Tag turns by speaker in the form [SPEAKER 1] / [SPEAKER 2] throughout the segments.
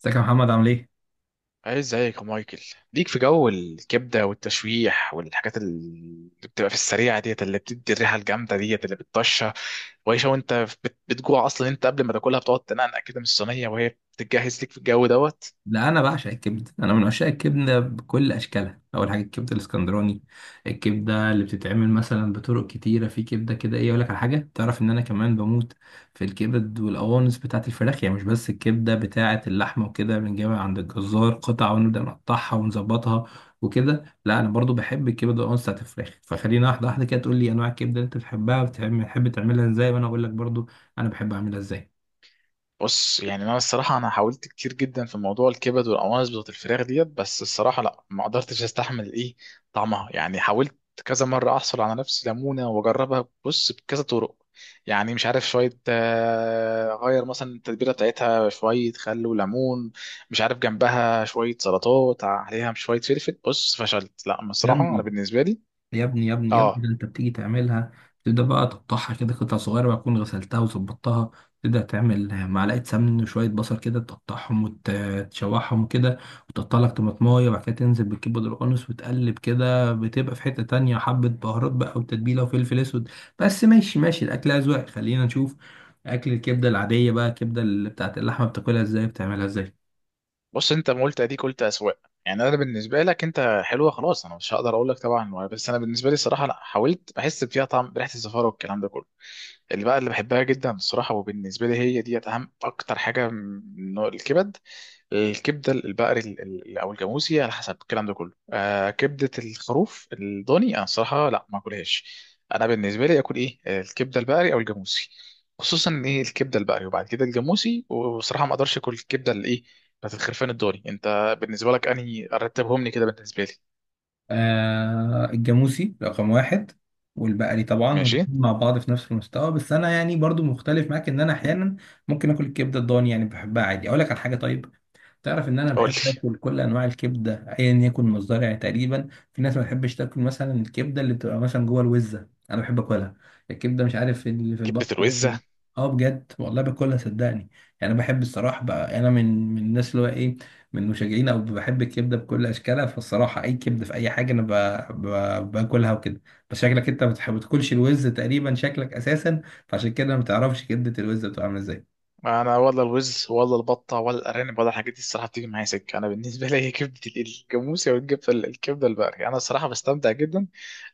[SPEAKER 1] ازيك يا محمد عامل ايه؟
[SPEAKER 2] عايز زيك يا مايكل. ليك في جو الكبده والتشويح والحاجات اللي بتبقى في السريعه ديت، اللي بتدي الريحه الجامده ديت اللي بتطشها وعيشه. وانت بتجوع اصلا انت قبل ما تاكلها، بتقعد تنقنق كده من الصينيه وهي بتتجهز ليك في الجو دوت.
[SPEAKER 1] لا، انا بعشق الكبد، انا من عشاق الكبده بكل اشكالها. اول حاجه الكبده الاسكندراني، الكبده اللي بتتعمل مثلا بطرق كتيره، في كبده كده، ايه، اقول لك على حاجه. تعرف ان انا كمان بموت في الكبد والقوانص بتاعه الفراخ، يعني مش بس الكبده بتاعه اللحمه، وكده بنجيبها عند الجزار قطع ونبدا نقطعها ونظبطها وكده. لا، انا برضو بحب الكبده والقوانص بتاعه الفراخ، فخلينا واحده واحده كده تقول لي انواع الكبده اللي انت بتحبها، بتحب تعملها ازاي، وانا اقول لك برضو انا بحب اعملها ازاي.
[SPEAKER 2] بص يعني انا الصراحه حاولت كتير جدا في موضوع الكبد والقوانص بتاعت الفراخ ديت، بس الصراحه لا ما قدرتش استحمل ايه طعمها. يعني حاولت كذا مره احصل على نفس ليمونه واجربها، بص، بكذا طرق. يعني مش عارف شويه اغير مثلا التتبيله بتاعتها شويه، خل وليمون، مش عارف جنبها شويه سلطات، عليها شويه فلفل. بص، فشلت، لا
[SPEAKER 1] يا
[SPEAKER 2] بصراحه انا
[SPEAKER 1] ابني
[SPEAKER 2] بالنسبه لي.
[SPEAKER 1] يا ابني يا ابني يا ابني، ده
[SPEAKER 2] اه،
[SPEAKER 1] انت بتيجي تعملها، تبدأ بقى تقطعها كده قطع صغيرة، بقى تكون غسلتها وظبطتها. تبدأ تعمل معلقة سمن وشوية بصل كده، تقطعهم وتشوحهم كده، وتقطع لك طماطماية، وبعد كده تنزل بالكبد القانص وتقلب كده، بتبقى في حتة تانية حبة بهارات بقى وتتبيلة وفلفل أسود. بس ماشي ماشي، الأكل أذواق، خلينا نشوف. أكل الكبدة العادية بقى، الكبدة اللي بتاعت اللحمة، بتاكلها إزاي؟ بتعملها إزاي؟
[SPEAKER 2] بص انت ما قلت اديك، قلت اسواق. يعني انا بالنسبه لك انت حلوه، خلاص انا مش هقدر اقول لك طبعا، بس انا بالنسبه لي الصراحه انا حاولت بحس فيها طعم بريحه الزفاره والكلام ده كله. اللي بحبها جدا الصراحة وبالنسبة لي هي ديت، أهم أكتر حاجة من نوع الكبد، الكبدة البقري أو الجاموسي على حسب الكلام ده كله. آه، كبدة الخروف الضاني أنا الصراحة لا ما أكلهاش. أنا بالنسبة لي أكل إيه، الكبدة البقري أو الجاموسي، خصوصا إن إيه، الكبدة البقري وبعد كده الجاموسي. وصراحة ما أقدرش أكل الكبدة اللي إيه، بتاعت الخرفان الضاني. أنت بالنسبة لك أنهي رتبهم لي كده بالنسبة لي؟
[SPEAKER 1] آه، الجاموسي رقم واحد، والبقري طبعا،
[SPEAKER 2] ماشي.
[SPEAKER 1] والاتنين مع بعض في نفس المستوى. بس انا يعني برضو مختلف معاك، ان انا احيانا ممكن اكل الكبده الضاني، يعني بحبها عادي. اقول لك على حاجه، طيب، تعرف ان انا
[SPEAKER 2] قول
[SPEAKER 1] بحب
[SPEAKER 2] لي.
[SPEAKER 1] اكل كل انواع الكبده ايا يكن مصدرها تقريبا. في ناس ما بتحبش تاكل مثلا الكبده اللي بتبقى مثلا جوه الوزه، انا بحب اكلها، الكبده مش عارف إيه اللي في
[SPEAKER 2] كبدة
[SPEAKER 1] البطن.
[SPEAKER 2] الوزة؟
[SPEAKER 1] اه، بجد والله باكلها صدقني. يعني انا بحب الصراحه بقى، انا من الناس اللي هو ايه، من مشجعين، او بحب الكبده بكل اشكالها، فالصراحه اي كبده في اي حاجه، انا باكلها وكده. بس شكلك انت ما بتاكلش الوز تقريبا، شكلك اساسا، فعشان كده ما بتعرفش كبده الوز بتبقى عامله ازاي.
[SPEAKER 2] انا ولا الوز ولا البطه ولا الارانب ولا الحاجات دي الصراحه بتيجي معايا سكه. انا بالنسبه لي هي كبده الجاموسه والكبده الكبده البقري. انا الصراحه بستمتع جدا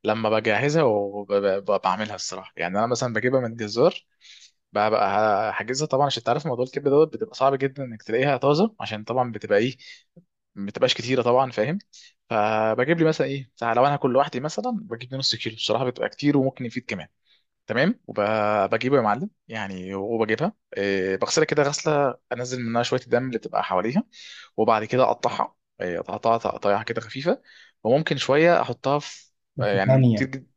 [SPEAKER 2] لما بجهزها وبعملها. الصراحه يعني انا مثلا بجيبها من الجزار، بقى حاجزها طبعا، عشان تعرف موضوع الكبده دوت بتبقى صعب جدا انك تلاقيها طازه، عشان طبعا بتبقى ايه، ما بتبقاش كتيره طبعا، فاهم؟ فبجيب لي مثلا ايه، لو انا هاكل لوحدي مثلا بجيب لي نص كيلو، الصراحه بتبقى كتير وممكن يفيد كمان. تمام. وبجيبه يا معلم يعني، وبجيبها إيه، بغسلها كده غسله انزل منها شويه الدم اللي بتبقى حواليها. وبعد كده اقطعها، إيه، اقطعها تقطيعها كده خفيفه. وممكن شويه احطها في، آه،
[SPEAKER 1] بس
[SPEAKER 2] يعني كتير
[SPEAKER 1] ثانية
[SPEAKER 2] جدا.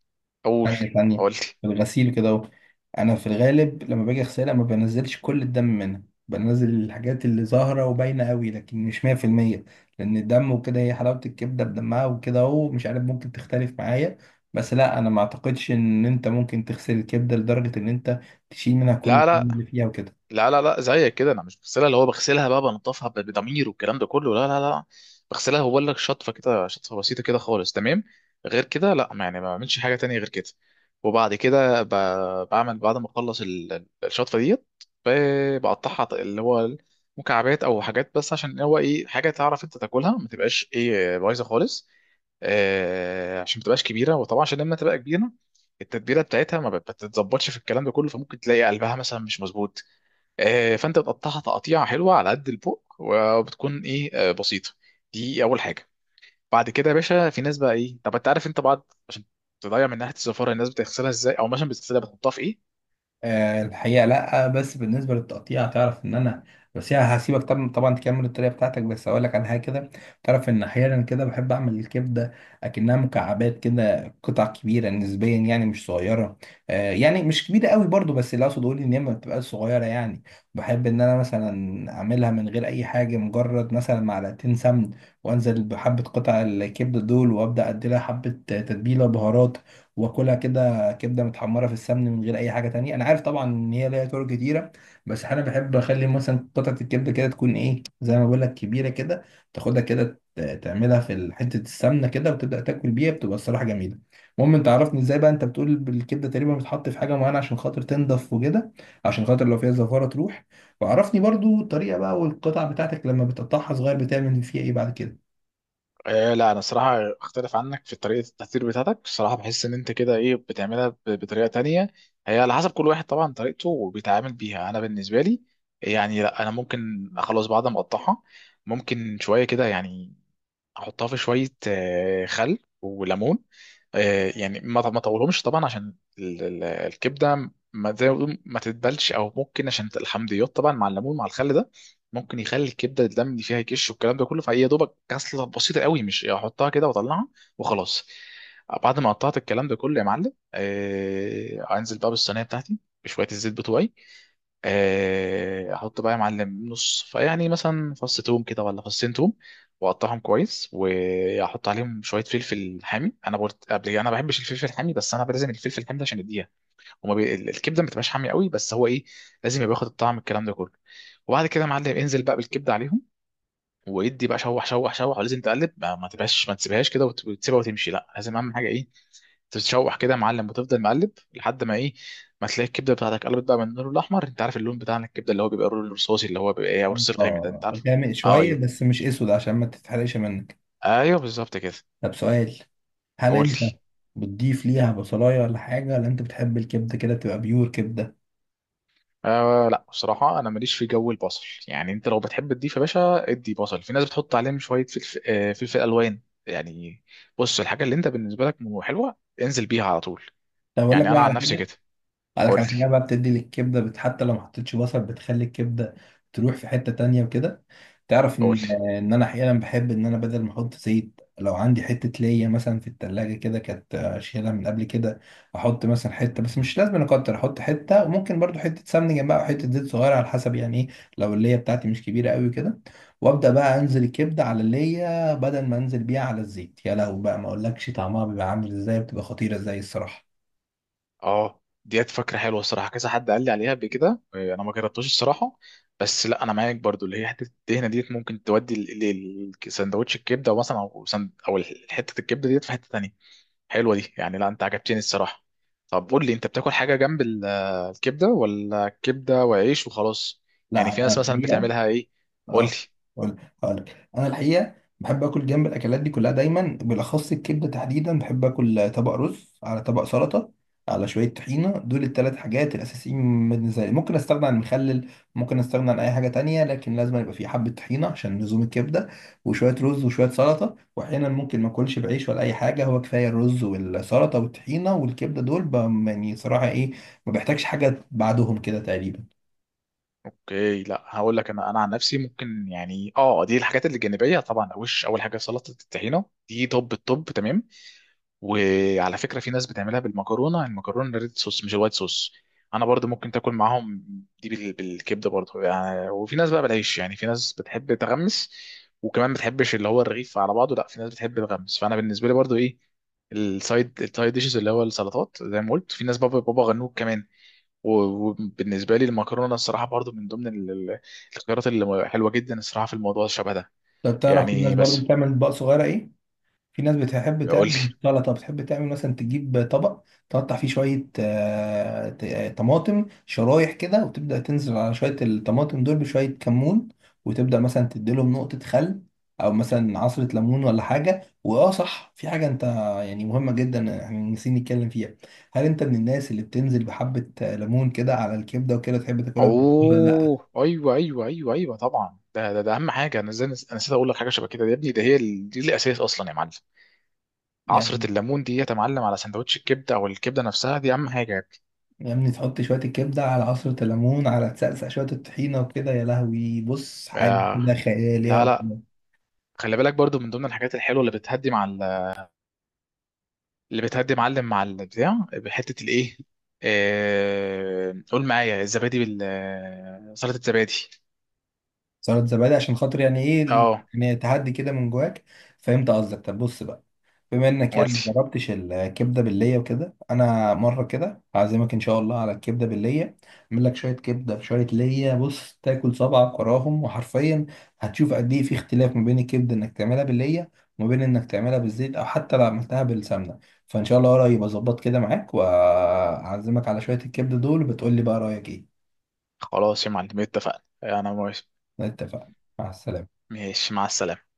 [SPEAKER 2] اقول.
[SPEAKER 1] ثانية ثانية،
[SPEAKER 2] قلت.
[SPEAKER 1] في الغسيل كده اهو. انا في الغالب لما باجي اغسلها ما بنزلش كل الدم منها، بنزل الحاجات اللي ظاهرة وباينة قوي، لكن مش 100%، لان الدم وكده هي حلاوة الكبدة بدمها وكده اهو، مش عارف، ممكن تختلف معايا. بس لا، انا ما اعتقدش ان انت ممكن تغسل الكبدة لدرجة ان انت تشيل منها كل
[SPEAKER 2] لا لا،
[SPEAKER 1] الدم اللي فيها وكده.
[SPEAKER 2] لا زيك كده انا مش بغسلها، اللي هو بغسلها بقى بنضفها بضمير والكلام ده كله، لا لا لا. بغسلها هو لك شطفه كده، شطفه بسيطه كده خالص، تمام، غير كده لا، ما يعني ما بعملش حاجه تانية غير كده. وبعد كده بعمل بعد ما اخلص الشطفه ديت، بقطعها اللي هو مكعبات او حاجات، بس عشان هو ايه، حاجه تعرف انت تاكلها ما تبقاش ايه بايظه خالص. آه، عشان ما تبقاش كبيره، وطبعا عشان لما تبقى كبيره التتبيله بتاعتها ما بت- بتتظبطش في الكلام ده كله، فممكن تلاقي قلبها مثلا مش مظبوط. آه، فانت بتقطعها تقطيعه حلوه على قد البوق، وبتكون ايه، آه، بسيطه. دي اول حاجه. بعد كده يا باشا في ناس بقى ايه، طب انت عارف انت بعد، عشان تضيع من ناحيه الزفاره، الناس بتغسلها ازاي، او مثلا بتغسلها بتحطها في ايه؟
[SPEAKER 1] آه، الحقيقة لأ. بس بالنسبة للتقطيع، تعرف إن أنا، بس يعني هسيبك طبعا طبعا تكمل الطريقة بتاعتك، بس أقول لك على حاجة كده. تعرف إن أحيانا كده بحب أعمل الكبدة أكنها مكعبات كده، قطع كبيرة نسبيا، يعني مش صغيرة. آه، يعني مش كبيرة قوي برضو، بس اللي أقصد أقول إن هي ما بتبقاش صغيرة يعني. بحب إن أنا مثلا أعملها من غير أي حاجة، مجرد مثلا معلقتين سمن، وأنزل بحبة قطع الكبدة دول، وأبدأ أديلها حبة تتبيلة بهارات، وآكلها كده. كبده متحمره في السمن من غير اي حاجه تانية. انا عارف طبعا ان هي ليها طرق كتيره، بس انا بحب اخلي مثلا قطعه الكبده كده تكون ايه، زي ما بقول لك كبيره كده، تاخدها كده تعملها في حته السمنه كده، وتبدا تاكل بيها، بتبقى الصراحه جميله. المهم، انت عرفني ازاي بقى انت بتقول بالكبده تقريبا، بتحط في حاجه معينه عشان خاطر تنضف وكده، عشان خاطر لو فيها زفاره تروح. وعرفني برضو الطريقه بقى، والقطع بتاعتك لما بتقطعها صغير بتعمل فيها ايه بعد كده.
[SPEAKER 2] آه لا، انا الصراحه اختلف عنك في طريقه التحضير بتاعتك. الصراحه بحس ان انت كده ايه، بتعملها بطريقه تانية. هي على حسب كل واحد طبعا طريقته وبيتعامل بيها. انا بالنسبه لي يعني، لا انا ممكن خلاص بعد ما اقطعها، ممكن شويه كده يعني احطها في شويه، آه، خل وليمون. آه، يعني ما طولهمش طبعا، عشان الكبده ما زي ما بيقولوا ما تتبلش، او ممكن عشان الحمضيات طبعا مع الليمون مع الخل ده ممكن يخلي الكبده الدم اللي فيها يكش والكلام ده كله. فهي يا دوبك غسله بسيطه قوي، مش يعني احطها كده واطلعها وخلاص. بعد ما قطعت الكلام ده كله يا معلم، آه، انزل بقى بالصينيه بتاعتي بشويه الزيت بتوعي. آه، احط بقى يا معلم نص فيعني مثلا فص توم كده، ولا فصين توم، واقطعهم كويس، واحط عليهم شويه فلفل حامي. انا قلت قبل كده انا ما بحبش الفلفل الحامي، بس انا لازم الفلفل الحامي ده، عشان يديها، الكبده ما بتبقاش حامي قوي، بس هو ايه، لازم يبقى ياخد الطعم الكلام ده كله. وبعد كده يا معلم انزل بقى بالكبده عليهم، وادي بقى شوح شوح شوح. ولازم تقلب، ما تبقاش، ما تسيبهاش كده وتسيبها وتمشي، لا، لازم اهم حاجه ايه، تتشوح كده يا معلم، وتفضل مقلب لحد ما ايه، ما تلاقي الكبده بتاعتك قلبت بقى من اللون الاحمر. انت عارف اللون بتاع الكبده اللي هو بيبقى اللون الرصاصي، اللي هو بيبقى ايه، او الرصاص الغامق ده،
[SPEAKER 1] اه،
[SPEAKER 2] انت عارفه.
[SPEAKER 1] غامق
[SPEAKER 2] آه،
[SPEAKER 1] شويه
[SPEAKER 2] ايوه،
[SPEAKER 1] بس مش اسود، عشان ما تتحرقش منك.
[SPEAKER 2] ايوه، بالظبط كده.
[SPEAKER 1] طب سؤال، هل انت
[SPEAKER 2] قلت.
[SPEAKER 1] بتضيف ليها بصلايه ولا حاجه، ولا انت بتحب الكبده كده تبقى بيور كبده؟
[SPEAKER 2] آه لا، بصراحه انا ماليش في جو البصل. يعني انت لو بتحب تضيف يا باشا، ادي بصل. في ناس بتحط عليهم شويه فلفل، آه، فلفل الوان يعني. بص، الحاجه اللي انت بالنسبه لك حلوه، انزل بيها على طول.
[SPEAKER 1] طب اقول لك
[SPEAKER 2] يعني
[SPEAKER 1] بقى
[SPEAKER 2] انا عن
[SPEAKER 1] على
[SPEAKER 2] نفسي
[SPEAKER 1] حاجه،
[SPEAKER 2] كده.
[SPEAKER 1] اقول لك
[SPEAKER 2] قول
[SPEAKER 1] على
[SPEAKER 2] لي.
[SPEAKER 1] حاجه بقى، بتدي للكبده حتى لو ما حطيتش بصل بتخلي الكبده تروح في حته تانية وكده. تعرف
[SPEAKER 2] قول لي.
[SPEAKER 1] ان انا احيانا بحب ان انا بدل ما احط زيت، لو عندي حته ليا مثلا في التلاجة كده كانت اشيلها من قبل كده، احط مثلا حته، بس مش لازم أنا اكتر احط حته، وممكن برضو حته سمنه جنبها او حته زيت صغيره، على حسب يعني ايه لو الليا بتاعتي مش كبيره قوي كده. وابدا بقى انزل الكبده على الليا بدل ما انزل بيها على الزيت، يا لهوي بقى، ما اقولكش طعمها بيبقى عامل ازاي، بتبقى خطيره ازاي الصراحه.
[SPEAKER 2] اه، ديت فكره حلوه الصراحه، كذا حد قال لي عليها قبل كده، آه، انا ما جربتوش الصراحه. بس لا انا معاك برضو، اللي هي حته الدهنه ديت ممكن تودي لسندوتش الكبده، او مثلا او سند، او حته الكبده ديت في حته تانية. حلوه دي يعني، لا انت عجبتني الصراحه. طب قول لي، انت بتاكل حاجه جنب آه، الكبده، ولا كبده وعيش وخلاص؟ يعني في
[SPEAKER 1] لا، أنا
[SPEAKER 2] ناس مثلا
[SPEAKER 1] الحقيقه،
[SPEAKER 2] بتعملها ايه؟ قول لي.
[SPEAKER 1] اه، هقول هقولك انا الحقيقه بحب اكل جنب الاكلات دي كلها دايما، بالاخص الكبده تحديدا بحب اكل طبق رز على طبق سلطه على شويه طحينه. دول الثلاث حاجات الاساسيين بالنسبه لي، ممكن استغنى عن المخلل، ممكن استغنى عن اي حاجه تانية، لكن لازم يبقى في حبه طحينه عشان لزوم الكبده، وشويه رز وشويه سلطه. واحيانا ممكن ما اكلش بعيش ولا اي حاجه، هو كفايه الرز والسلطه والطحينه والكبده دول يعني صراحه ايه، ما بحتاجش حاجه بعدهم كده تقريبا.
[SPEAKER 2] اوكي، لا هقول لك انا، انا عن نفسي ممكن يعني، اه، دي الحاجات اللي جانبيه طبعا. وش اول حاجه سلطه الطحينه دي، طب، الطب تمام. وعلى فكره في ناس بتعملها بالمكرونه، المكرونه الريد صوص مش الوايت صوص، انا برضو ممكن تاكل معاهم دي بالكبده برضو يعني. وفي ناس بقى بالعيش، يعني في ناس بتحب تغمس، وكمان بتحبش اللي هو الرغيف على بعضه، لا في ناس بتحب تغمس. فانا بالنسبه لي برضو ايه، السايد، السايد ديشز، اللي هو السلطات زي ما قلت، في ناس بابا، بابا غنوج كمان. وبالنسبه لي المكرونه الصراحه برضو من ضمن الخيارات اللي حلوه جدا الصراحه في الموضوع الشبه ده.
[SPEAKER 1] طب تعرف في ناس
[SPEAKER 2] يعني
[SPEAKER 1] برضو
[SPEAKER 2] بس.
[SPEAKER 1] بتعمل اطباق صغيره ايه، في ناس بتحب
[SPEAKER 2] قول لي.
[SPEAKER 1] تعمل مش سلطة، بتحب تعمل مثلا تجيب طبق تقطع فيه شوية طماطم شرايح كده، وتبدأ تنزل على شوية الطماطم دول بشوية كمون، وتبدأ مثلا تديلهم نقطة خل، أو مثلا عصرة ليمون ولا حاجة. وآه صح، في حاجة أنت يعني مهمة جدا احنا نسينا نتكلم فيها. هل أنت من الناس اللي بتنزل بحبة ليمون كده على الكبدة وكده، تحب تاكلها بالليمون ولا لأ؟
[SPEAKER 2] اوه، ايوه ايوه ايوه ايوه طبعا، ده اهم حاجه. انا ازاي انا نسيت اقول لك حاجه شبه كده يا ابني، ده هي دي الاساس اصلا يا معلم. عصره
[SPEAKER 1] يعني،
[SPEAKER 2] الليمون دي يا معلم، على سندوتش الكبده، او الكبده نفسها، دي اهم حاجه يا ابني.
[SPEAKER 1] يا ابني تحط شوية الكبدة على عصرة الليمون، على تسقسق شوية الطحينة وكده، يا لهوي بص حاجة
[SPEAKER 2] آه.
[SPEAKER 1] كده خيال،
[SPEAKER 2] لا
[SPEAKER 1] يا
[SPEAKER 2] لا.
[SPEAKER 1] الله.
[SPEAKER 2] خلي بالك برضو من ضمن الحاجات الحلوه اللي بتهدي مع اللي بتهدي معلم مع البتاع بحته الايه، قول معايا، الزبادي، بال سلطه الزبادي.
[SPEAKER 1] سلطة زبادي عشان خاطر يعني ايه،
[SPEAKER 2] اه.
[SPEAKER 1] يعني تهدي كده من جواك. فهمت قصدك. طب بص بقى، بما انك يعني ما
[SPEAKER 2] قلت.
[SPEAKER 1] جربتش الكبده بالليه وكده، انا مره كده هعزمك ان شاء الله على الكبده بالليه، اعمل لك شويه كبده بشويه ليه، بص تاكل صبعك وراهم، وحرفيا هتشوف قد ايه في اختلاف ما بين الكبده انك تعملها بالليه، وما بين انك تعملها بالزيت او حتى لو عملتها بالسمنه. فان شاء الله قريب اظبط كده معاك، وهعزمك على شويه الكبده دول، وبتقول لي بقى رايك ايه.
[SPEAKER 2] خلاص يا معلم، اتفقنا، انا موافق.
[SPEAKER 1] اتفقنا، مع السلامه.
[SPEAKER 2] ماشي، مع السلامه.